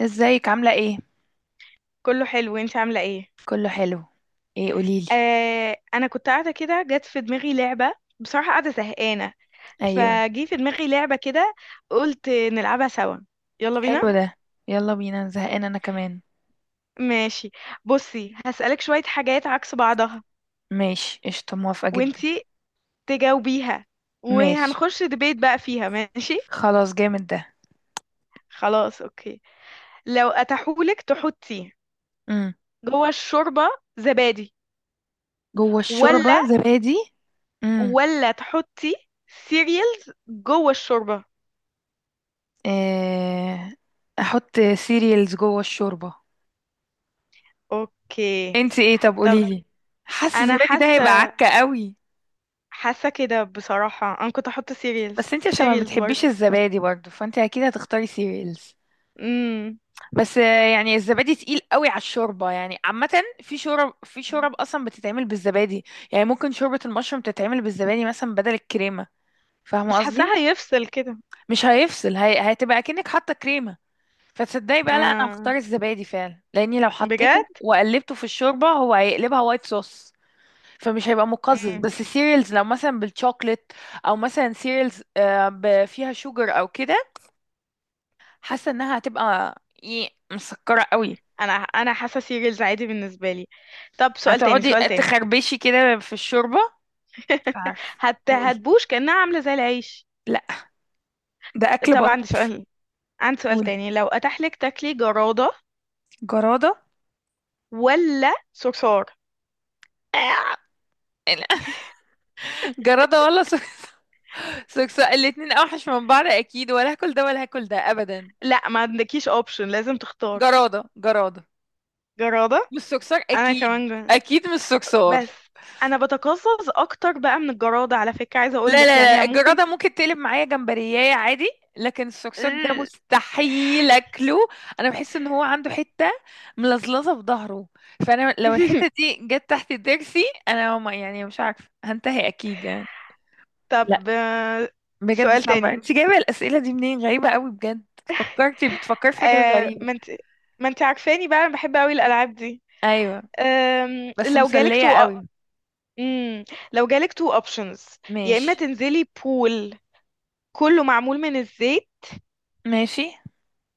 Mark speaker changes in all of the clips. Speaker 1: ازيك عاملة ايه؟
Speaker 2: كله حلو، انت عامله ايه؟
Speaker 1: كله حلو. ايه قوليلي.
Speaker 2: آه، انا كنت قاعده كده، جت في دماغي لعبه. بصراحه قاعده زهقانه.
Speaker 1: ايوه.
Speaker 2: فجي في دماغي لعبه كده، قلت نلعبها سوا. يلا بينا.
Speaker 1: حلو ده. يلا بينا، زهقانة انا كمان.
Speaker 2: ماشي. بصي، هسألك شويه حاجات عكس بعضها،
Speaker 1: ماشي، قشطة، موافقة جدا.
Speaker 2: وانتي تجاوبيها،
Speaker 1: ماشي.
Speaker 2: وهنخش دبيت بقى فيها، ماشي؟
Speaker 1: خلاص جامد ده.
Speaker 2: خلاص، اوكي. لو اتاحولك تحطي
Speaker 1: امم.
Speaker 2: جوه الشوربه زبادي،
Speaker 1: جوه
Speaker 2: ولا،
Speaker 1: الشوربة زبادي. امم.
Speaker 2: ولا تحطي سيريالز جوه الشوربه؟
Speaker 1: إيه... احط سيريالز جوه الشوربة.
Speaker 2: اوكي.
Speaker 1: انتي ايه طب
Speaker 2: طب
Speaker 1: قوليلي. حاسة
Speaker 2: انا
Speaker 1: الزبادي ده هيبقى
Speaker 2: حاسه
Speaker 1: عكة قوي.
Speaker 2: حاسه كده بصراحه، انا كنت احط سيريالز
Speaker 1: بس انتي عشان ما
Speaker 2: سيريالز
Speaker 1: بتحبيش
Speaker 2: برضه.
Speaker 1: الزبادي برضه فانتي اكيد هتختاري سيريالز.
Speaker 2: امم
Speaker 1: بس يعني الزبادي تقيل قوي على الشوربه يعني عامه. في شورب اصلا بتتعمل بالزبادي. يعني ممكن شوربه المشروم تتعمل بالزبادي مثلا بدل الكريمه. فاهمه
Speaker 2: بس
Speaker 1: قصدي.
Speaker 2: حاساها هيفصل كده.
Speaker 1: مش هيفصل، هتبقى اكنك حاطه كريمه. فتصدقي بقى، لا انا
Speaker 2: اه،
Speaker 1: هختار الزبادي فعلا لاني لو
Speaker 2: بجد؟
Speaker 1: حطيته وقلبته في الشوربه هو هيقلبها وايت صوص. فمش هيبقى مقزز.
Speaker 2: امم
Speaker 1: بس السيريالز لو مثلا بالشوكليت او مثلا سيريالز فيها شوجر او كده. حاسه انها هتبقى مسكره قوي.
Speaker 2: انا حاسه سيريالز عادي بالنسبه لي. طب سؤال تاني،
Speaker 1: هتقعدي
Speaker 2: سؤال تاني.
Speaker 1: تخربشي كده في الشوربة؟ مش عارفة. قولي.
Speaker 2: هتبوش كأنها عاملة زي العيش.
Speaker 1: لا، ده أكل
Speaker 2: طب
Speaker 1: بطن.
Speaker 2: عندي سؤال، عندي سؤال
Speaker 1: قولي.
Speaker 2: تاني. لو أتاح لك تاكلي جرادة
Speaker 1: جرادة.
Speaker 2: ولا صرصار؟
Speaker 1: لا. جرادة ولا سكسة، الاتنين أوحش من بعض، أكيد ولا هاكل ده ولا هاكل ده أبدا.
Speaker 2: لا، ما عندكيش اوبشن، لازم تختار
Speaker 1: جرادة، جرادة.
Speaker 2: جرادة.
Speaker 1: مش سكسار،
Speaker 2: انا
Speaker 1: أكيد
Speaker 2: كمان.
Speaker 1: أكيد مش سكسار.
Speaker 2: بس انا بتقزز اكتر بقى من الجرادة، على فكرة عايزة
Speaker 1: لا
Speaker 2: اقولك، يعني
Speaker 1: لا لا،
Speaker 2: أنا ممكن.
Speaker 1: الجرادة ممكن تقلب معايا جمبرياية عادي. لكن الصرصار ده مستحيل اكله. انا بحس ان هو عنده حتة ملزلزة في ظهره. فانا لو الحتة دي جت تحت ضرسي انا ما يعني مش عارفة، هنتهي اكيد يعني. لا،
Speaker 2: طب.
Speaker 1: بجد
Speaker 2: سؤال
Speaker 1: صعبة.
Speaker 2: تاني.
Speaker 1: انت جايبة الاسئلة دي منين؟ غريبة قوي بجد. فكرتي بتفكري في حاجات
Speaker 2: آه،
Speaker 1: غريبة.
Speaker 2: ما انت ما انت عارفاني بقى، انا بحب قوي الالعاب دي.
Speaker 1: ايوه، بس
Speaker 2: لو جالك
Speaker 1: مسلية
Speaker 2: تو،
Speaker 1: قوي.
Speaker 2: مم، لو جالك تو اوبشنز، يا اما
Speaker 1: ماشي
Speaker 2: تنزلي بول كله معمول من الزيت،
Speaker 1: ماشي.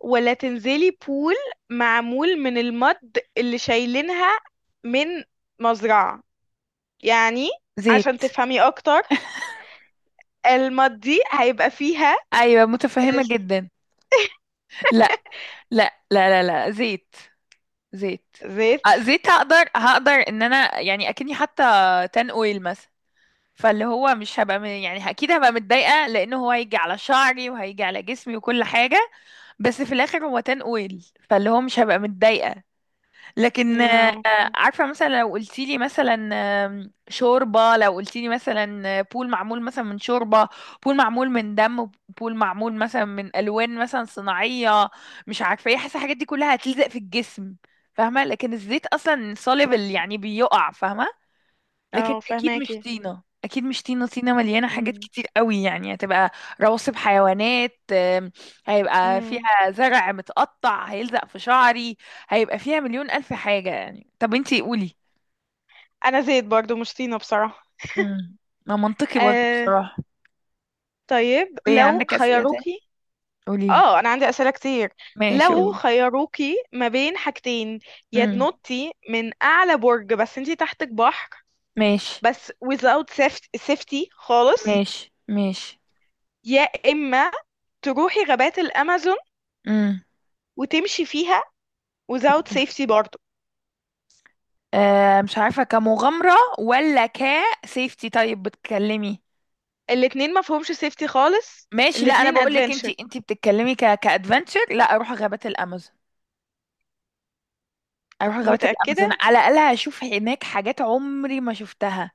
Speaker 2: ولا تنزلي بول معمول من المد اللي شايلينها، من مزرعة يعني، عشان
Speaker 1: زيت.
Speaker 2: تفهمي اكتر المضي هيبقى فيها
Speaker 1: ايوه متفهمة جدا. لا لا لا لا، لا زيت، زيت.
Speaker 2: الزيت.
Speaker 1: زيت هقدر، هقدر ان انا يعني اكني حتى تان اويل مثلا. فاللي هو مش هبقى يعني اكيد هبقى متضايقه لانه هو هيجي على شعري وهيجي على جسمي وكل حاجه. بس في الاخر هو تان اويل فاللي هو مش هبقى متضايقه. لكن
Speaker 2: اه.
Speaker 1: عارفة مثلا لو قلتيلي مثلا، شوربة، لو قلتيلي مثلا بول معمول مثلا من شوربة، بول معمول من دم، بول معمول مثلا من ألوان مثلا صناعية، مش عارفة ايه، حاسة الحاجات دي كلها هتلزق في الجسم. فاهمة؟ لكن الزيت أصلا soluble، يعني بيقع. فاهمة؟ لكن
Speaker 2: اه،
Speaker 1: اكيد مش
Speaker 2: فهماكي.
Speaker 1: طينه، اكيد مش طينه. طينه مليانه حاجات
Speaker 2: مم.
Speaker 1: كتير قوي، يعني هتبقى رواسب حيوانات، هيبقى
Speaker 2: مم.
Speaker 1: فيها زرع متقطع هيلزق في شعري، هيبقى فيها مليون الف حاجه يعني. طب انتي قولي.
Speaker 2: انا زيت برضو، مش طينة بصراحة.
Speaker 1: امم. ما منطقي برضه
Speaker 2: آه.
Speaker 1: بصراحه.
Speaker 2: طيب
Speaker 1: طب ايه
Speaker 2: لو
Speaker 1: عندك اسئله تاني؟
Speaker 2: خيروكي،
Speaker 1: قولي لي.
Speaker 2: اه، انا عندي اسئلة كتير.
Speaker 1: ماشي
Speaker 2: لو
Speaker 1: قولي.
Speaker 2: خيروكي ما بين حاجتين، يا
Speaker 1: امم.
Speaker 2: تنطي من اعلى برج بس انتي تحتك بحر،
Speaker 1: ماشي
Speaker 2: بس without safety خالص،
Speaker 1: ماشي ماشي.
Speaker 2: يا اما تروحي غابات الامازون
Speaker 1: امم.
Speaker 2: وتمشي فيها without
Speaker 1: اوكي.
Speaker 2: safety برضو.
Speaker 1: آه مش عارفه، كمغامره ولا كسيفتي؟ طيب بتكلمي.
Speaker 2: الاتنين ما فيهمش سيفتي خالص.
Speaker 1: ماشي، لا انا
Speaker 2: الاتنين
Speaker 1: بقول لك، انت
Speaker 2: ادفنتشر.
Speaker 1: انت بتتكلمي كادفنتشر. لا، اروح غابات الامازون. اروح غابات الامازون،
Speaker 2: متأكدة.
Speaker 1: على الاقل هشوف هناك حاجات عمري ما شفتها.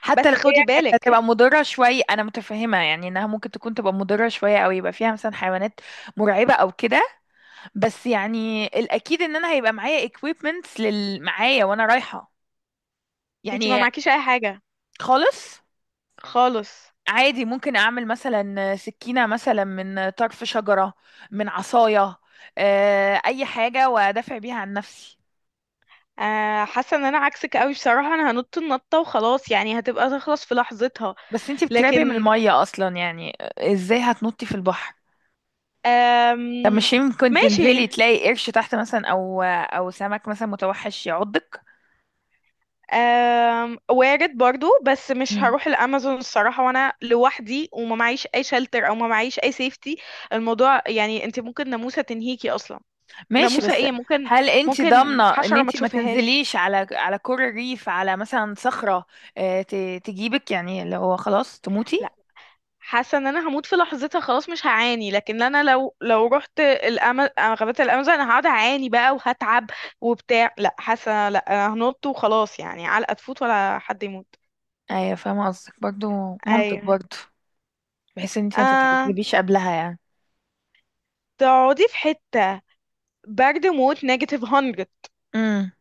Speaker 1: حتى
Speaker 2: بس
Speaker 1: لو
Speaker 2: خدي
Speaker 1: هي كانت
Speaker 2: بالك،
Speaker 1: هتبقى مضره شويه انا متفهمه، يعني انها ممكن تكون تبقى مضره شويه او يبقى فيها مثلا حيوانات مرعبه او كده. بس يعني الاكيد ان انا هيبقى معايا equipments لل معايا وانا رايحه
Speaker 2: انت ما
Speaker 1: يعني.
Speaker 2: معكيش اي حاجة
Speaker 1: خالص.
Speaker 2: خالص.
Speaker 1: عادي، ممكن اعمل مثلا سكينة مثلا من طرف شجرة، من عصاية، اي حاجة وادافع بيها عن نفسي.
Speaker 2: آه، حاسة ان انا عكسك قوي بصراحة. انا هنط النطة وخلاص، يعني هتبقى تخلص في لحظتها.
Speaker 1: بس انتي بتقربي من
Speaker 2: لكن
Speaker 1: المية اصلا، يعني ازاي هتنطي في البحر؟
Speaker 2: آم
Speaker 1: طب مش يمكن
Speaker 2: ماشي.
Speaker 1: تنزلي تلاقي قرش تحت مثلا او او سمك مثلا متوحش يعضك؟
Speaker 2: وارد برضو، بس مش
Speaker 1: مم.
Speaker 2: هروح الامازون الصراحة وانا لوحدي وما معيش اي شلتر او ما معيش اي سيفتي. الموضوع يعني، انت ممكن ناموسة تنهيكي اصلا.
Speaker 1: ماشي
Speaker 2: ناموسة
Speaker 1: بس،
Speaker 2: ايه، ممكن
Speaker 1: هل انت
Speaker 2: ممكن
Speaker 1: ضامنة ان
Speaker 2: حشرة ما
Speaker 1: انت ما
Speaker 2: تشوفهاش.
Speaker 1: تنزليش على على كور الريف، على مثلا صخرة تجيبك يعني اللي هو خلاص تموتي؟
Speaker 2: حاسه ان انا هموت في لحظتها خلاص، مش هعاني. لكن انا لو رحت غابة الامازون، انا هقعد اعاني بقى وهتعب وبتاع. لا، حاسه لا، انا هنط وخلاص، يعني علقه تفوت ولا حد يموت.
Speaker 1: ايوه فاهمة قصدك برضو، منطق
Speaker 2: ايوه.
Speaker 1: برضو. بحيث ان انت ما
Speaker 2: آه...
Speaker 1: تتعذبيش قبلها يعني.
Speaker 2: تقعدي في حته برد موت نيجاتيف 100،
Speaker 1: امم.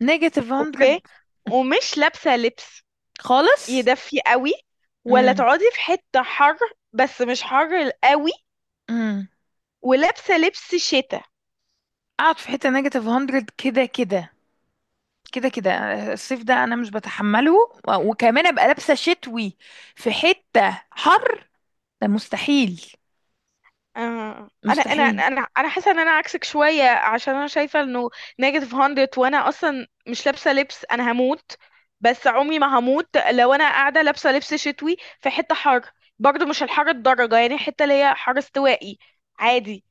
Speaker 1: نيجاتيف 100.
Speaker 2: اوكي، ومش لابسه لبس
Speaker 1: خالص.
Speaker 2: يدفي قوي، ولا
Speaker 1: امم.
Speaker 2: تقعدي في حته حر، بس مش حر قوي،
Speaker 1: امم.
Speaker 2: ولابسه لبس شتاء؟
Speaker 1: اقعد في حته نيجاتيف 100. كده كده، كده كده. الصيف ده انا مش بتحمله، وكمان ابقى لابسه شتوي في حته حر، ده مستحيل.
Speaker 2: آه، انا انا
Speaker 1: مستحيل.
Speaker 2: انا انا حاسه ان انا عكسك شويه، عشان انا شايفه انه نيجاتيف 100 وانا اصلا مش لابسه لبس، انا هموت. بس عمري ما هموت لو انا قاعده لابسه لبس شتوي في حته حر. برضو مش الحر الدرجه، يعني حته اللي هي حر استوائي عادي،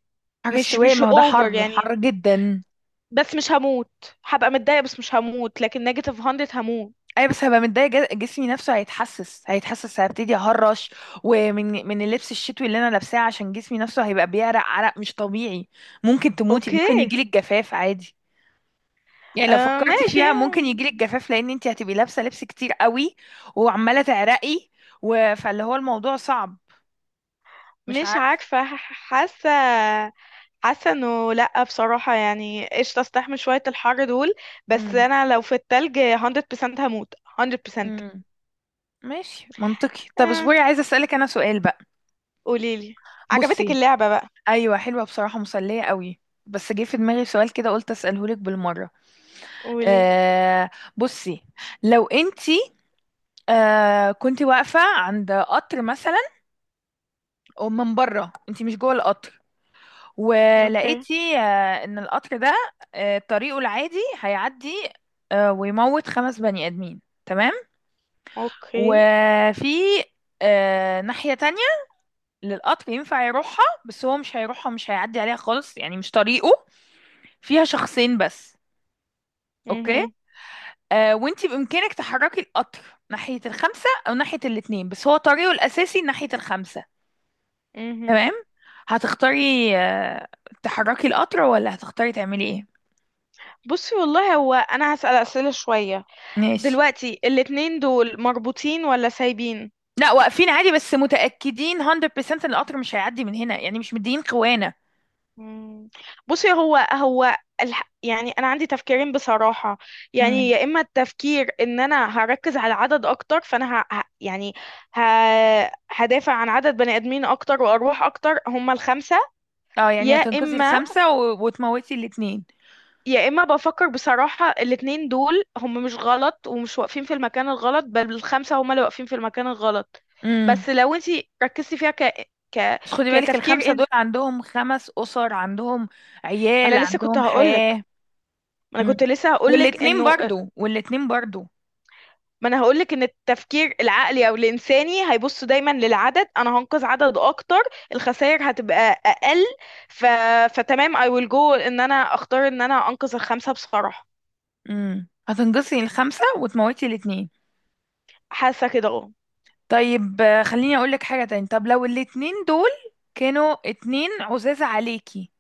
Speaker 1: حر
Speaker 2: مش
Speaker 1: السواقي،
Speaker 2: مش
Speaker 1: ما هو ده
Speaker 2: اوفر
Speaker 1: حر،
Speaker 2: يعني،
Speaker 1: حر جدا.
Speaker 2: بس مش هموت. هبقى متضايقه بس مش هموت، لكن نيجاتيف 100 هموت.
Speaker 1: اي بس هبقى متضايقه، جسمي نفسه هيتحسس، هيتحسس هبتدي اهرش. ومن اللبس الشتوي اللي انا لابساه، عشان جسمي نفسه هيبقى بيعرق عرق مش طبيعي. ممكن تموتي،
Speaker 2: اوكي.
Speaker 1: ممكن يجيلك جفاف عادي. يعني لو
Speaker 2: آه،
Speaker 1: فكرتي
Speaker 2: ماشي.
Speaker 1: فيها ممكن يجيلك جفاف لان انت هتبقي لابسه لبس كتير قوي وعماله تعرقي. و... فاللي هو الموضوع صعب. مش
Speaker 2: مش
Speaker 1: عارفه.
Speaker 2: عارفه. حاسه، حاسه انه لا بصراحه، يعني قشطه استحمل شويه الحر دول. بس
Speaker 1: امم.
Speaker 2: انا لو في التلج 100% هموت، 100%.
Speaker 1: امم ماشي منطقي. طب
Speaker 2: آه.
Speaker 1: اصبري عايزه اسالك انا سؤال بقى.
Speaker 2: قوليلي. عجبتك
Speaker 1: بصي،
Speaker 2: اللعبه بقى؟
Speaker 1: ايوه حلوه بصراحه، مسليه قوي. بس جه في دماغي سؤال كده قلت اساله لك بالمره.
Speaker 2: قولي.
Speaker 1: آه، بصي، لو انتي كنت واقفة عند قطر مثلا، ومن بره انتي مش جوه القطر،
Speaker 2: اوكي،
Speaker 1: ولقيتي ان القطر ده طريقه العادي هيعدي ويموت خمس بني ادمين، تمام؟
Speaker 2: اوكي.
Speaker 1: وفي ناحية تانية للقطر ينفع يروحها بس هو مش هيروحها ومش هيعدي عليها خالص، يعني مش طريقه، فيها شخصين بس. اوكي،
Speaker 2: مهم.
Speaker 1: وانتي بإمكانك تحركي القطر ناحية الخمسة أو ناحية الاتنين، بس هو طريقه الأساسي ناحية الخمسة.
Speaker 2: مهم.
Speaker 1: تمام؟ هتختاري آه تحركي القطر ولا هتختاري تعملي ايه؟
Speaker 2: بصي والله، هو انا هسأل اسئله شويه.
Speaker 1: ماشي.
Speaker 2: دلوقتي الاتنين دول مربوطين ولا سايبين؟
Speaker 1: لا واقفين عادي، بس متأكدين 100% ان القطر مش هيعدي من هنا، يعني مش مدين خوانا.
Speaker 2: مم. بصي، هو يعني انا عندي تفكيرين بصراحه. يعني
Speaker 1: امم.
Speaker 2: يا اما التفكير ان انا هركز على العدد اكتر، فانا يعني ه... هدافع عن عدد بني ادمين اكتر وارواح اكتر، هم الخمسه.
Speaker 1: اه، يعني
Speaker 2: يا
Speaker 1: هتنقذي
Speaker 2: اما
Speaker 1: الخمسة و... وتموتي الاتنين.
Speaker 2: يا اما بفكر بصراحه، الاتنين دول هم مش غلط ومش واقفين في المكان الغلط، بل الخمسه هم اللي واقفين في المكان الغلط.
Speaker 1: امم.
Speaker 2: بس لو انتي ركزتي فيها
Speaker 1: بس خدي بالك،
Speaker 2: كتفكير
Speaker 1: الخمسة دول
Speaker 2: انسان،
Speaker 1: عندهم خمس أسر، عندهم
Speaker 2: ما
Speaker 1: عيال،
Speaker 2: انا لسه كنت
Speaker 1: عندهم حياة.
Speaker 2: هقولك، ما انا
Speaker 1: امم.
Speaker 2: كنت لسه هقولك
Speaker 1: والاتنين
Speaker 2: انه،
Speaker 1: برضو، والاتنين برضو.
Speaker 2: ما انا هقولك، ان التفكير العقلي او الانساني هيبص دايما للعدد. انا هنقذ عدد اكتر، الخسائر هتبقى اقل. ف... فتمام، I will go ان انا اختار ان انا انقذ الخمسة بصراحة.
Speaker 1: امم. هتنقصي الخمسة وتموتي الاتنين.
Speaker 2: حاسة كده، اه.
Speaker 1: طيب خليني اقولك حاجة تاني. طب لو الاتنين دول كانوا اتنين عزازة عليكي،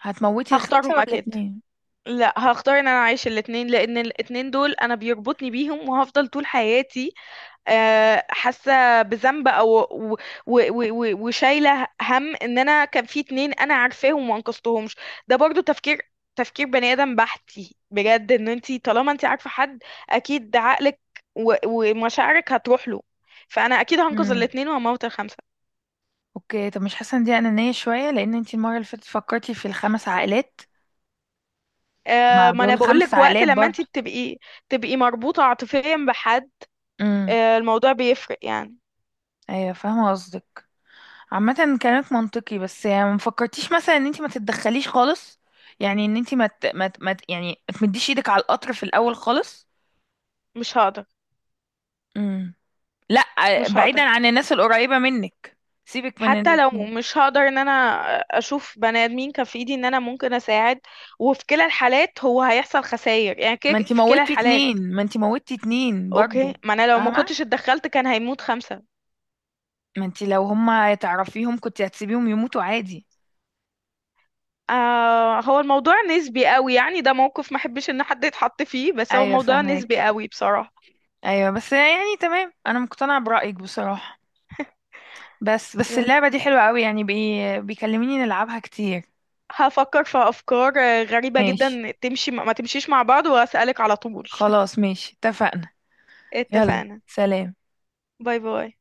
Speaker 1: هتموتي
Speaker 2: هختارهم
Speaker 1: الخمسة ولا
Speaker 2: اكيد.
Speaker 1: اتنين؟
Speaker 2: لا، هختار ان انا اعيش الاتنين، لان الاتنين دول انا بيربطني بيهم وهفضل طول حياتي آه، حاسه بذنب، او و- و- و- و- وشايله هم ان انا كان في اتنين انا عارفاهم وما انقذتهمش. ده برضو تفكير، تفكير بني ادم بحتي بجد. ان انتي طالما انتي عارفه حد، اكيد عقلك ومشاعرك هتروح له، فانا اكيد هنقذ
Speaker 1: امم.
Speaker 2: الاتنين وهموت الخمسه.
Speaker 1: اوكي، طب مش حاسة ان دي انانية شوية؟ لان انتي المرة اللي فاتت فكرتي في الخمس عائلات، مع
Speaker 2: ما انا
Speaker 1: دول خمس
Speaker 2: بقولك، وقت
Speaker 1: عائلات
Speaker 2: لما انتي
Speaker 1: برضه.
Speaker 2: تبقي مربوطه عاطفيا بحد،
Speaker 1: امم.
Speaker 2: آه، الموضوع بيفرق يعني.
Speaker 1: ايوه فاهمة قصدك. عامة كلامك منطقي، بس يعني ما فكرتيش مثلا ان انتي ما تتدخليش خالص؟ يعني ان انتي ما ت... ما ت... ما ت... يعني ما تمديش ايدك على القطر في الاول خالص.
Speaker 2: مش هقدر.
Speaker 1: امم. لا،
Speaker 2: مش
Speaker 1: بعيدا
Speaker 2: هقدر.
Speaker 1: عن الناس القريبة منك، سيبك من
Speaker 2: حتى لو
Speaker 1: الاتنين.
Speaker 2: مش هقدر ان انا اشوف بني ادمين كان في ايدي ان انا ممكن اساعد، وفي كلا الحالات هو هيحصل خسائر يعني، كده
Speaker 1: ما انت
Speaker 2: في كلا
Speaker 1: موتي
Speaker 2: الحالات.
Speaker 1: اتنين، ما انت موتي اتنين برضو.
Speaker 2: اوكي، ما انا لو ما
Speaker 1: فاهمة.
Speaker 2: كنتش اتدخلت كان هيموت خمسة.
Speaker 1: ما انت لو هما تعرفيهم كنت هتسيبيهم يموتوا عادي.
Speaker 2: آه، هو الموضوع نسبي قوي يعني، ده موقف ما احبش ان حد يتحط فيه، بس هو
Speaker 1: ايوه
Speaker 2: الموضوع نسبي
Speaker 1: فاهماكي.
Speaker 2: قوي بصراحة.
Speaker 1: ايوه بس يعني تمام، انا مقتنعة برأيك بصراحة. بس بس
Speaker 2: بس
Speaker 1: اللعبة دي حلوة قوي يعني بيكلميني نلعبها كتير.
Speaker 2: هفكر في افكار غريبة
Speaker 1: ماشي،
Speaker 2: جدا، تمشي ما تمشيش مع بعض واسألك على طول.
Speaker 1: خلاص ماشي اتفقنا. يلا
Speaker 2: اتفقنا.
Speaker 1: سلام.
Speaker 2: باي باي.